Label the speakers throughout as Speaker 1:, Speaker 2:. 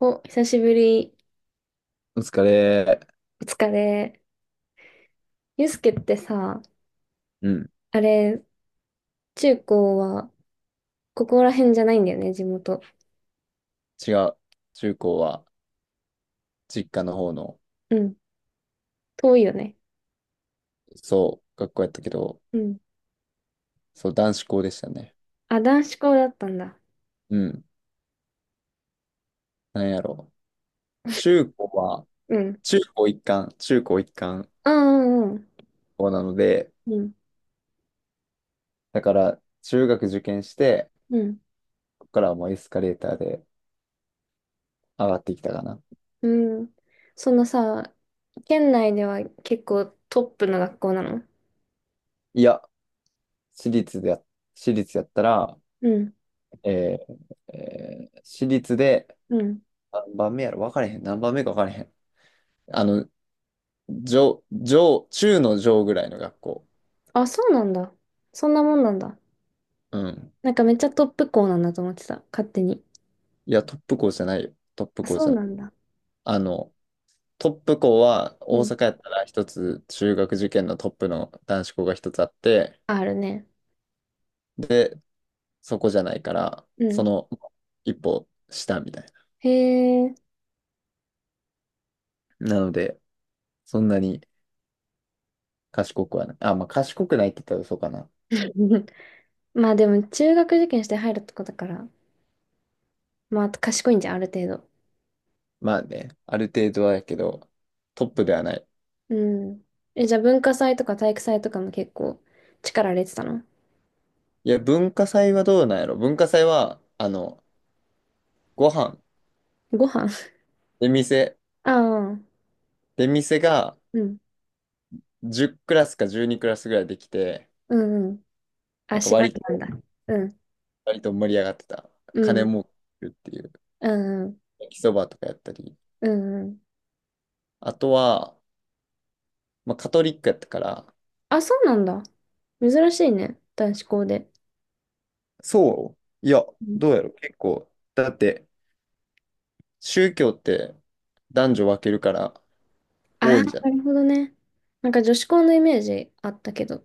Speaker 1: お、久しぶり。
Speaker 2: お疲れ。
Speaker 1: お疲れ。ゆうすけってさ、
Speaker 2: うん、
Speaker 1: あれ、中高は、ここら辺じゃないんだよね、地元。
Speaker 2: 違う。中高は実家の方の、
Speaker 1: うん。遠いよね。
Speaker 2: そう、学校やったけど、
Speaker 1: うん。
Speaker 2: そう、男子校でしたね。
Speaker 1: あ、男子校だったんだ。
Speaker 2: うん、なんやろ。中高は、
Speaker 1: うん。
Speaker 2: 中高一貫
Speaker 1: うんうん
Speaker 2: 校なので、
Speaker 1: うん。
Speaker 2: だから、中学受験して、
Speaker 1: うん。うん。
Speaker 2: ここからはもうエスカレーターで上がってきたかな。
Speaker 1: うん。そのさ、県内では結構トップの学校なの？
Speaker 2: いや、私立でや、私立やったら、
Speaker 1: うん。
Speaker 2: え私立で、
Speaker 1: うん。
Speaker 2: 何番目か分かれへん。あの、中の上ぐらいの学校。
Speaker 1: あ、そうなんだ。そんなもんなんだ。
Speaker 2: うん。
Speaker 1: なんかめっちゃトップ校なんだと思ってた。勝手に。
Speaker 2: いや、トップ校じゃないよ。トップ
Speaker 1: あ、
Speaker 2: 校
Speaker 1: そ
Speaker 2: じ
Speaker 1: う
Speaker 2: ゃない。
Speaker 1: なんだ。
Speaker 2: あの、トップ校は
Speaker 1: う
Speaker 2: 大
Speaker 1: ん。
Speaker 2: 阪やったら一つ中学受験のトップの男子校が一つあって、
Speaker 1: あるね。
Speaker 2: で、そこじゃないから、
Speaker 1: う
Speaker 2: そ
Speaker 1: ん。
Speaker 2: の一歩下みたい
Speaker 1: へえ。
Speaker 2: な。なので、そんなに賢くはない。あ、まあ賢くないって言ったらそうかな。
Speaker 1: まあでも中学受験して入るとこだから、まあ賢いんじゃん、ある程度。
Speaker 2: まあね、ある程度はやけど、トップではない。
Speaker 1: うん。え、じゃあ文化祭とか体育祭とかも結構力入れてたの？
Speaker 2: いや、文化祭はどうなんやろ文化祭は、ご飯、
Speaker 1: ご飯
Speaker 2: 出店、
Speaker 1: ああ、
Speaker 2: 出店が
Speaker 1: うん。
Speaker 2: 10クラスか12クラスぐらいできて、
Speaker 1: うんうん。
Speaker 2: な
Speaker 1: あ、
Speaker 2: んか
Speaker 1: 縛り
Speaker 2: 割
Speaker 1: なん
Speaker 2: と、
Speaker 1: だ。うん。
Speaker 2: 割と盛り上がってた。
Speaker 1: う
Speaker 2: 金
Speaker 1: ん。
Speaker 2: 儲けっていう、
Speaker 1: うんうん。
Speaker 2: 焼きそばとかやったり。
Speaker 1: うんうん。
Speaker 2: あとは、まあ、カトリックやったから、
Speaker 1: あ、そうなんだ。珍しいね。男子校で。
Speaker 2: そういや、
Speaker 1: うん。
Speaker 2: どうやろう結構。だって、宗教って男女分けるから多
Speaker 1: あ
Speaker 2: いんじゃ
Speaker 1: あ、
Speaker 2: ん。
Speaker 1: なるほどね。なんか女子校のイメージあったけど。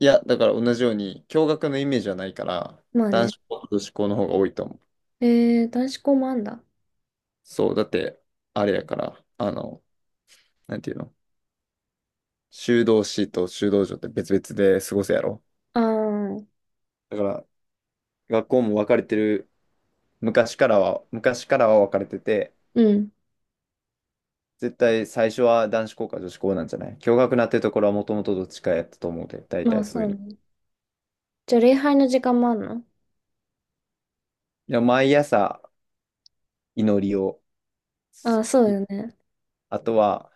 Speaker 2: いや、だから同じように、共学のイメージはないから、
Speaker 1: まあ
Speaker 2: 男
Speaker 1: ね。
Speaker 2: 子校と女子校の方が多いと思う。
Speaker 1: えー、男子校もあんだ。
Speaker 2: そう、だって、あれやから、なんていうの、修道士と修道女って別々で過ごすやろ。
Speaker 1: ああ、
Speaker 2: だから、学校も分かれてる昔からは、昔からは分かれてて、
Speaker 1: うん。
Speaker 2: 絶対最初は男子校か女子校なんじゃない、共学なってところはもともとどっちかやったと思うで、大
Speaker 1: ま
Speaker 2: 体
Speaker 1: あ
Speaker 2: そう
Speaker 1: そ
Speaker 2: いう
Speaker 1: う
Speaker 2: の。
Speaker 1: ね。じゃあ礼拝の時間もあんの？
Speaker 2: いや、毎朝祈りを、す
Speaker 1: あ、そう
Speaker 2: い、
Speaker 1: よね。
Speaker 2: あとは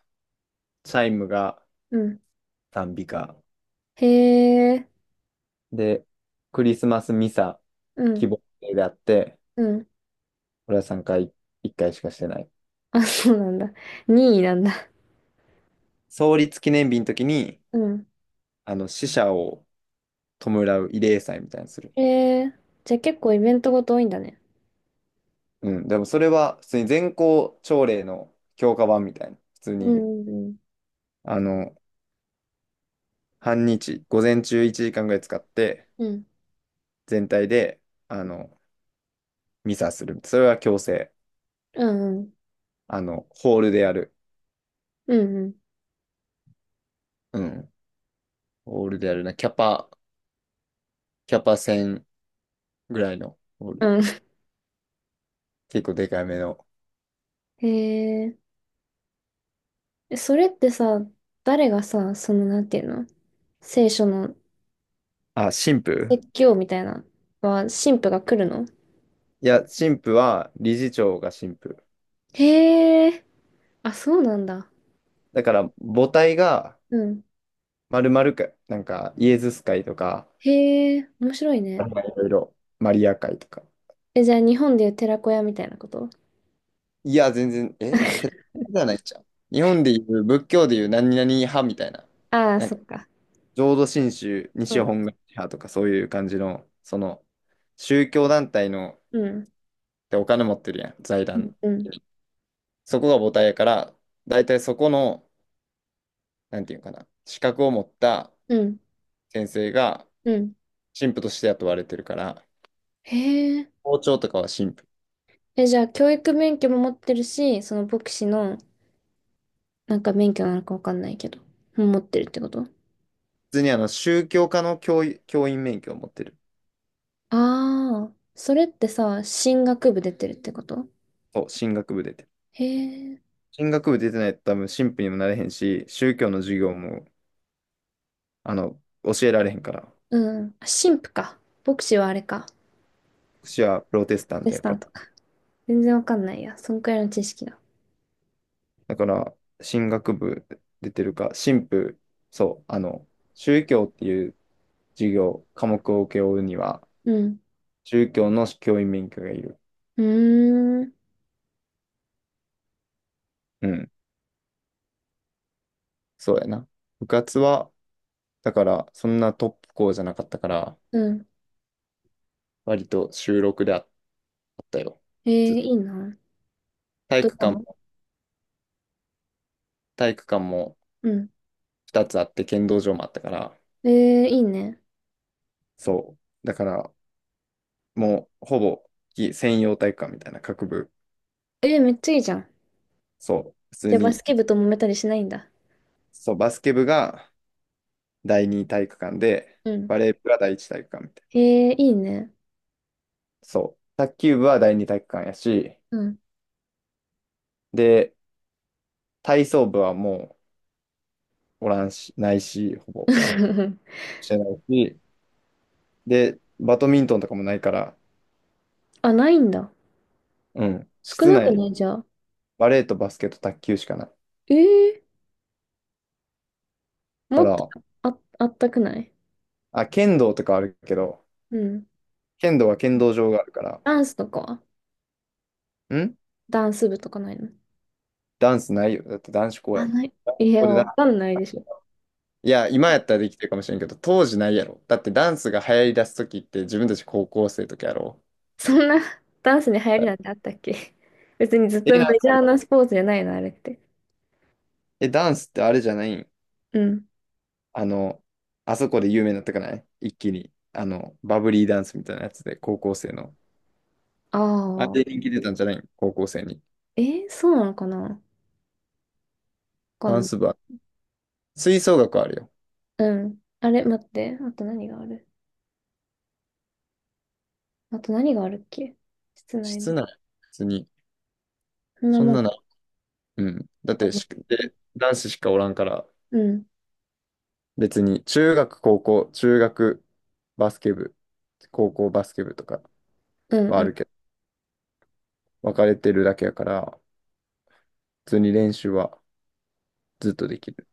Speaker 2: チャイムが
Speaker 1: うん。
Speaker 2: 賛美歌。
Speaker 1: へえ。
Speaker 2: で、クリスマスミサ、
Speaker 1: う
Speaker 2: 希
Speaker 1: ん。
Speaker 2: 望祭であって、
Speaker 1: うん。
Speaker 2: 俺は3回、1回しかしてない。
Speaker 1: あ、そうなんだ。2位なんだ。
Speaker 2: 創立記念日の時に、
Speaker 1: うん。
Speaker 2: 死者を弔う慰霊祭みたいにする。
Speaker 1: へえ。じゃあ結構イベントごと多いんだね。
Speaker 2: うん、でもそれは普通に全校朝礼の強化版みたいな、普通
Speaker 1: う
Speaker 2: に
Speaker 1: ん。
Speaker 2: あの、半日、午前中1時間ぐらい使って、
Speaker 1: うん。うん。
Speaker 2: 全体で、あの、ミサする。それは強制。
Speaker 1: うん。うん。
Speaker 2: あの、ホールでやる。
Speaker 1: うんうん
Speaker 2: うん。ホールでやるな。キャパ1000ぐらいのホー
Speaker 1: う
Speaker 2: ル。
Speaker 1: ん。
Speaker 2: 結構でかいめの。
Speaker 1: へえ。え、それってさ、誰がさ、その、なんていうの？聖書の
Speaker 2: あ、神父。
Speaker 1: 説教みたいなのは、神父が来るの？
Speaker 2: いや、神父は理事長が神父。
Speaker 1: へえ。あ、そうなんだ。
Speaker 2: だから、母体が、
Speaker 1: うん。
Speaker 2: まるまるか、なんか、イエズス会とか、
Speaker 1: へえ。面白い
Speaker 2: あ
Speaker 1: ね。
Speaker 2: れはいろいろ、マリア会とか、
Speaker 1: え、じゃあ日本でいう寺子屋みたいなこと？
Speaker 2: いや、全然、え、 寺じゃないじゃん。日本でいう、仏教でいう何々派みたいな。
Speaker 1: ああ、
Speaker 2: なん
Speaker 1: そ
Speaker 2: か、
Speaker 1: っか。
Speaker 2: 浄土真宗、
Speaker 1: そ
Speaker 2: 西
Speaker 1: うだ
Speaker 2: 本
Speaker 1: ね。
Speaker 2: 願寺派とかそういう感じの、その、宗教団体の、
Speaker 1: うん。
Speaker 2: でお金持ってるやん、財
Speaker 1: うん。
Speaker 2: 団。
Speaker 1: うん。
Speaker 2: そこが母体やから、大体そこの、なんていうかな、資格を持った
Speaker 1: うん。
Speaker 2: 先生が
Speaker 1: うん。
Speaker 2: 神父として雇われてるから、
Speaker 1: へえ。
Speaker 2: 校長とかは神父。
Speaker 1: え、じゃあ、教育免許も持ってるし、その牧師の、なんか免許なのかわかんないけど、も持ってるってこと？
Speaker 2: 普通にあの、宗教科の教、教員免許を持ってる。
Speaker 1: ああー、それってさ、神学部出てるってこと？
Speaker 2: そう、進学部で。
Speaker 1: へえ。
Speaker 2: 進学部出てないと多分神父にもなれへんし、宗教の授業も、あの、教えられへんから。
Speaker 1: うん。あ、神父か。牧師はあれか。
Speaker 2: 私はプロテスタン
Speaker 1: テ
Speaker 2: ト
Speaker 1: ス
Speaker 2: やか
Speaker 1: タン
Speaker 2: ら。
Speaker 1: とか。全然わかんないや。そんくらいの知識だ。
Speaker 2: だから、進学部出てるか、神父、そう、あの、宗教っていう授業、科目を請け負うには、
Speaker 1: うん。
Speaker 2: 宗教の教員免許がいる。
Speaker 1: うーん。
Speaker 2: うん、そうやな。部活は、だから、そんなトップ校じゃなかったから、
Speaker 1: うん。
Speaker 2: 割と収録でああったよ。
Speaker 1: えー、
Speaker 2: ず、
Speaker 1: いいな。
Speaker 2: 体
Speaker 1: どう
Speaker 2: 育
Speaker 1: か
Speaker 2: 館
Speaker 1: も。
Speaker 2: も、体育館も
Speaker 1: うん。
Speaker 2: 2つあって、剣道場もあったから、
Speaker 1: えー、いいね。
Speaker 2: そう。だから、もう、ほぼ、専用体育館みたいな各部。
Speaker 1: えー、めっちゃいいじゃん。
Speaker 2: そう。普通
Speaker 1: じゃあ、バス
Speaker 2: に、
Speaker 1: ケ部と揉めたりしないんだ。
Speaker 2: そう、バスケ部が第二体育館で、
Speaker 1: うん。
Speaker 2: バレー部が第一体育館みたいな。
Speaker 1: ええ、いいね。
Speaker 2: そう。卓球部は第二体育館やし、
Speaker 1: うん。
Speaker 2: で、体操部はもう、おらんし、ないし、ほぼ、してないし、で、バドミントンとかもないから、
Speaker 1: あ、ないんだ。
Speaker 2: うん。
Speaker 1: 少
Speaker 2: 室
Speaker 1: なくな
Speaker 2: 内、
Speaker 1: いじゃあ。
Speaker 2: バレーとバスケと卓球しかない
Speaker 1: ええ
Speaker 2: か
Speaker 1: もっと、
Speaker 2: ら、
Speaker 1: あ、あったくない？
Speaker 2: あ、剣道とかあるけど、
Speaker 1: うん。
Speaker 2: 剣道は剣道場があるから、
Speaker 1: ダンスとかは？
Speaker 2: ん、
Speaker 1: ダンス部とかないの？
Speaker 2: ダンスないよ。だって男子校や
Speaker 1: あ、
Speaker 2: もん。
Speaker 1: ない。いや、
Speaker 2: これ
Speaker 1: わ
Speaker 2: だ。
Speaker 1: かんないでしょ。
Speaker 2: いや、今やったらできてるかもしれんけど、当時ないやろ。だってダンスが流行り出す時って自分たち高校生の時やろ。
Speaker 1: そんなダンスに流行
Speaker 2: は
Speaker 1: りな
Speaker 2: い、
Speaker 1: んてあったっけ？別にずっ
Speaker 2: え、
Speaker 1: と
Speaker 2: なん
Speaker 1: メジ
Speaker 2: か、
Speaker 1: ャーなスポーツじゃないの、あれって。
Speaker 2: え、ダンスってあれじゃないん、
Speaker 1: うん。
Speaker 2: あの、あそこで有名になったかない一気に。あの、バブリーダンスみたいなやつで、高校生の。あ
Speaker 1: あ
Speaker 2: れで
Speaker 1: あ、
Speaker 2: 人気出たんじゃないん、高校生に。
Speaker 1: えー、そうなのかな、わか
Speaker 2: ダ
Speaker 1: んな
Speaker 2: ンス
Speaker 1: い。
Speaker 2: 部は。吹奏楽はあるよ。
Speaker 1: うん。あれ、待って。あと何がある？あと何があるっけ？室内
Speaker 2: 室
Speaker 1: の。
Speaker 2: 内、別に。
Speaker 1: そんな
Speaker 2: そん
Speaker 1: もん。
Speaker 2: なない。うん。だってし、で、男子しかおらんから、
Speaker 1: うん。
Speaker 2: 別に、中学、高校、中学、バスケ部、高校バスケ部とか。
Speaker 1: うん
Speaker 2: は
Speaker 1: う
Speaker 2: ある
Speaker 1: ん。
Speaker 2: けど、分かれてるだけやから、普通に練習はずっとできる。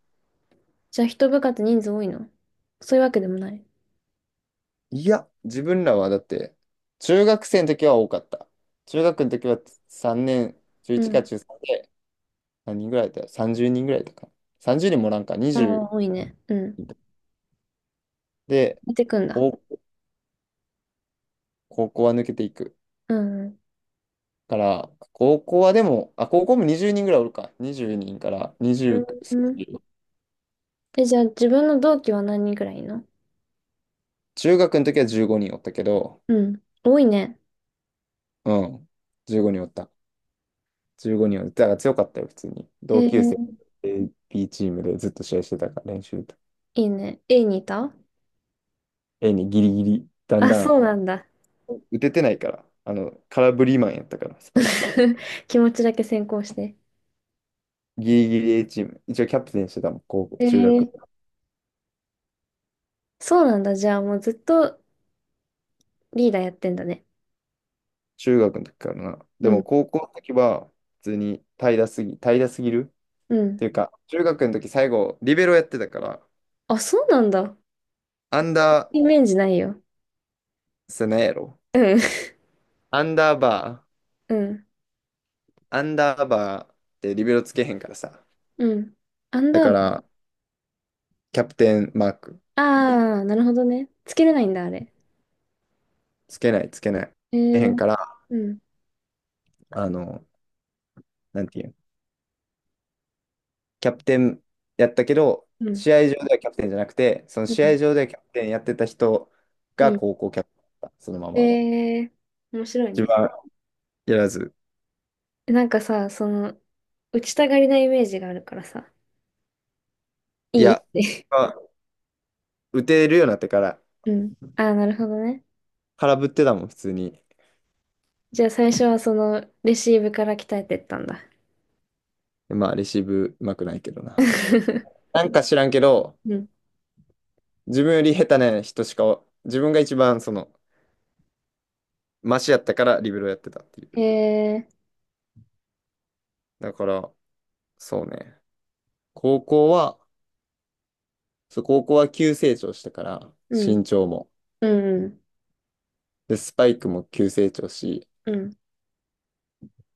Speaker 1: じゃあ一部活人数多いの？そういうわけでもない。
Speaker 2: いや、自分らはだって、中学生の時は多かった。中学の時は3年、中
Speaker 1: う
Speaker 2: 1か
Speaker 1: ん。
Speaker 2: 中3で、何人ぐらいだった？ 30 人ぐらいだったかな。30人もおらんか、
Speaker 1: ああ、
Speaker 2: 20
Speaker 1: 多いね。うん。
Speaker 2: で、
Speaker 1: 出てくんだ。
Speaker 2: 高高校は抜けていく。
Speaker 1: うん。
Speaker 2: から、高校はでも、あ、高校も20人ぐらいおるか。20人から20、
Speaker 1: う
Speaker 2: さん
Speaker 1: ん。
Speaker 2: じゅう、
Speaker 1: え、じゃあ自分の同期は何人くらいいるの？
Speaker 2: 中学の時は15人おったけど、
Speaker 1: うん。多いね。
Speaker 2: うん、15人おった。15人は、だから強かったよ、普通に。同
Speaker 1: へ
Speaker 2: 級
Speaker 1: え、
Speaker 2: 生、A B チームでずっと試合してたから、練習と。
Speaker 1: いいね。A にいた？
Speaker 2: A にギリギリ、だん
Speaker 1: あ、
Speaker 2: だ
Speaker 1: そ
Speaker 2: ん、
Speaker 1: うなんだ。
Speaker 2: 打ててないから、あの、空振りマンやったから、スパイク。
Speaker 1: 気持ちだけ先行して。
Speaker 2: ギリギリ A チーム。一応キャプテンしてたもん、高校、
Speaker 1: へ
Speaker 2: 中学。
Speaker 1: え、そうなんだ。じゃあもうずっとリーダーやってんだね。
Speaker 2: 中学の時からな。で
Speaker 1: うん。
Speaker 2: も高校の時は、普通に平らすぎる
Speaker 1: う
Speaker 2: っ
Speaker 1: ん。
Speaker 2: ていうか、中学の時最後、リベロやってたから、
Speaker 1: あ、そうなんだ。
Speaker 2: アンダー、
Speaker 1: イメージないよ。
Speaker 2: スネやろ。
Speaker 1: うん。
Speaker 2: アンダーバ
Speaker 1: うん。
Speaker 2: アンダーバーってリベロつけへんからさ。
Speaker 1: うん。アン
Speaker 2: だ
Speaker 1: ダ
Speaker 2: か
Speaker 1: ーバー。
Speaker 2: ら、キャプテンマーク、
Speaker 1: ああ、なるほどね。つけれないんだ、あれ。
Speaker 2: つけない。
Speaker 1: へ
Speaker 2: つけへ
Speaker 1: え。
Speaker 2: んから、
Speaker 1: うん、
Speaker 2: あの、なんていうん、キャプテンやったけど、
Speaker 1: うん、
Speaker 2: 試合上ではキャプテンじゃなくて、その
Speaker 1: う
Speaker 2: 試
Speaker 1: ん、
Speaker 2: 合上ではキャプテンやってた人
Speaker 1: う
Speaker 2: が
Speaker 1: ん。
Speaker 2: 高校キャプテンだった、そのまま。
Speaker 1: えー、面白い
Speaker 2: 自分
Speaker 1: ね。
Speaker 2: はやらず。
Speaker 1: なんかさ、その、打ちたがりなイメージがあるからさ、
Speaker 2: い
Speaker 1: いいっ
Speaker 2: や、
Speaker 1: て。
Speaker 2: まあ、打てるようになってから、
Speaker 1: うん。ああ、なるほどね。
Speaker 2: 空振ってたもん、普通に。
Speaker 1: じゃあ最初はその、レシーブから鍛えてったんだ。
Speaker 2: まあ、レシーブうまくないけどな。なんか知らんけど、
Speaker 1: うん。
Speaker 2: 自分より下手な人しか、自分が一番その、マシやったからリベロやってたっていう。
Speaker 1: えー、
Speaker 2: だから、そうね。高校は、そう、高校は急成長したから、
Speaker 1: うん、
Speaker 2: 身長も。
Speaker 1: うん、
Speaker 2: で、スパイクも急成長し、
Speaker 1: うん。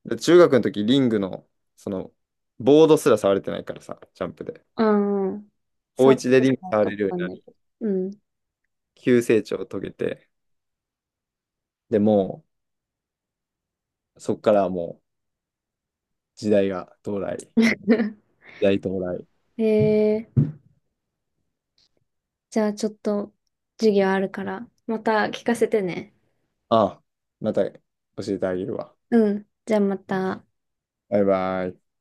Speaker 2: で中学の時リングの、その、ボードすら触れてないからさ、ジャンプで。
Speaker 1: ああ、
Speaker 2: 高
Speaker 1: 触っ
Speaker 2: 1
Speaker 1: た
Speaker 2: で
Speaker 1: こ
Speaker 2: リ
Speaker 1: と
Speaker 2: ング
Speaker 1: な
Speaker 2: 触
Speaker 1: かっ
Speaker 2: れるよう
Speaker 1: た
Speaker 2: に
Speaker 1: ん
Speaker 2: なり、
Speaker 1: だけど。うん。
Speaker 2: 急成長を遂げて、でもう、そっからはもう、時代が到来。時 代到来。
Speaker 1: えー、じゃあちょっと、授業あるから、また聞かせてね。
Speaker 2: ああ、また教えてあげるわ。
Speaker 1: うん。じゃあまた。
Speaker 2: バイバイ。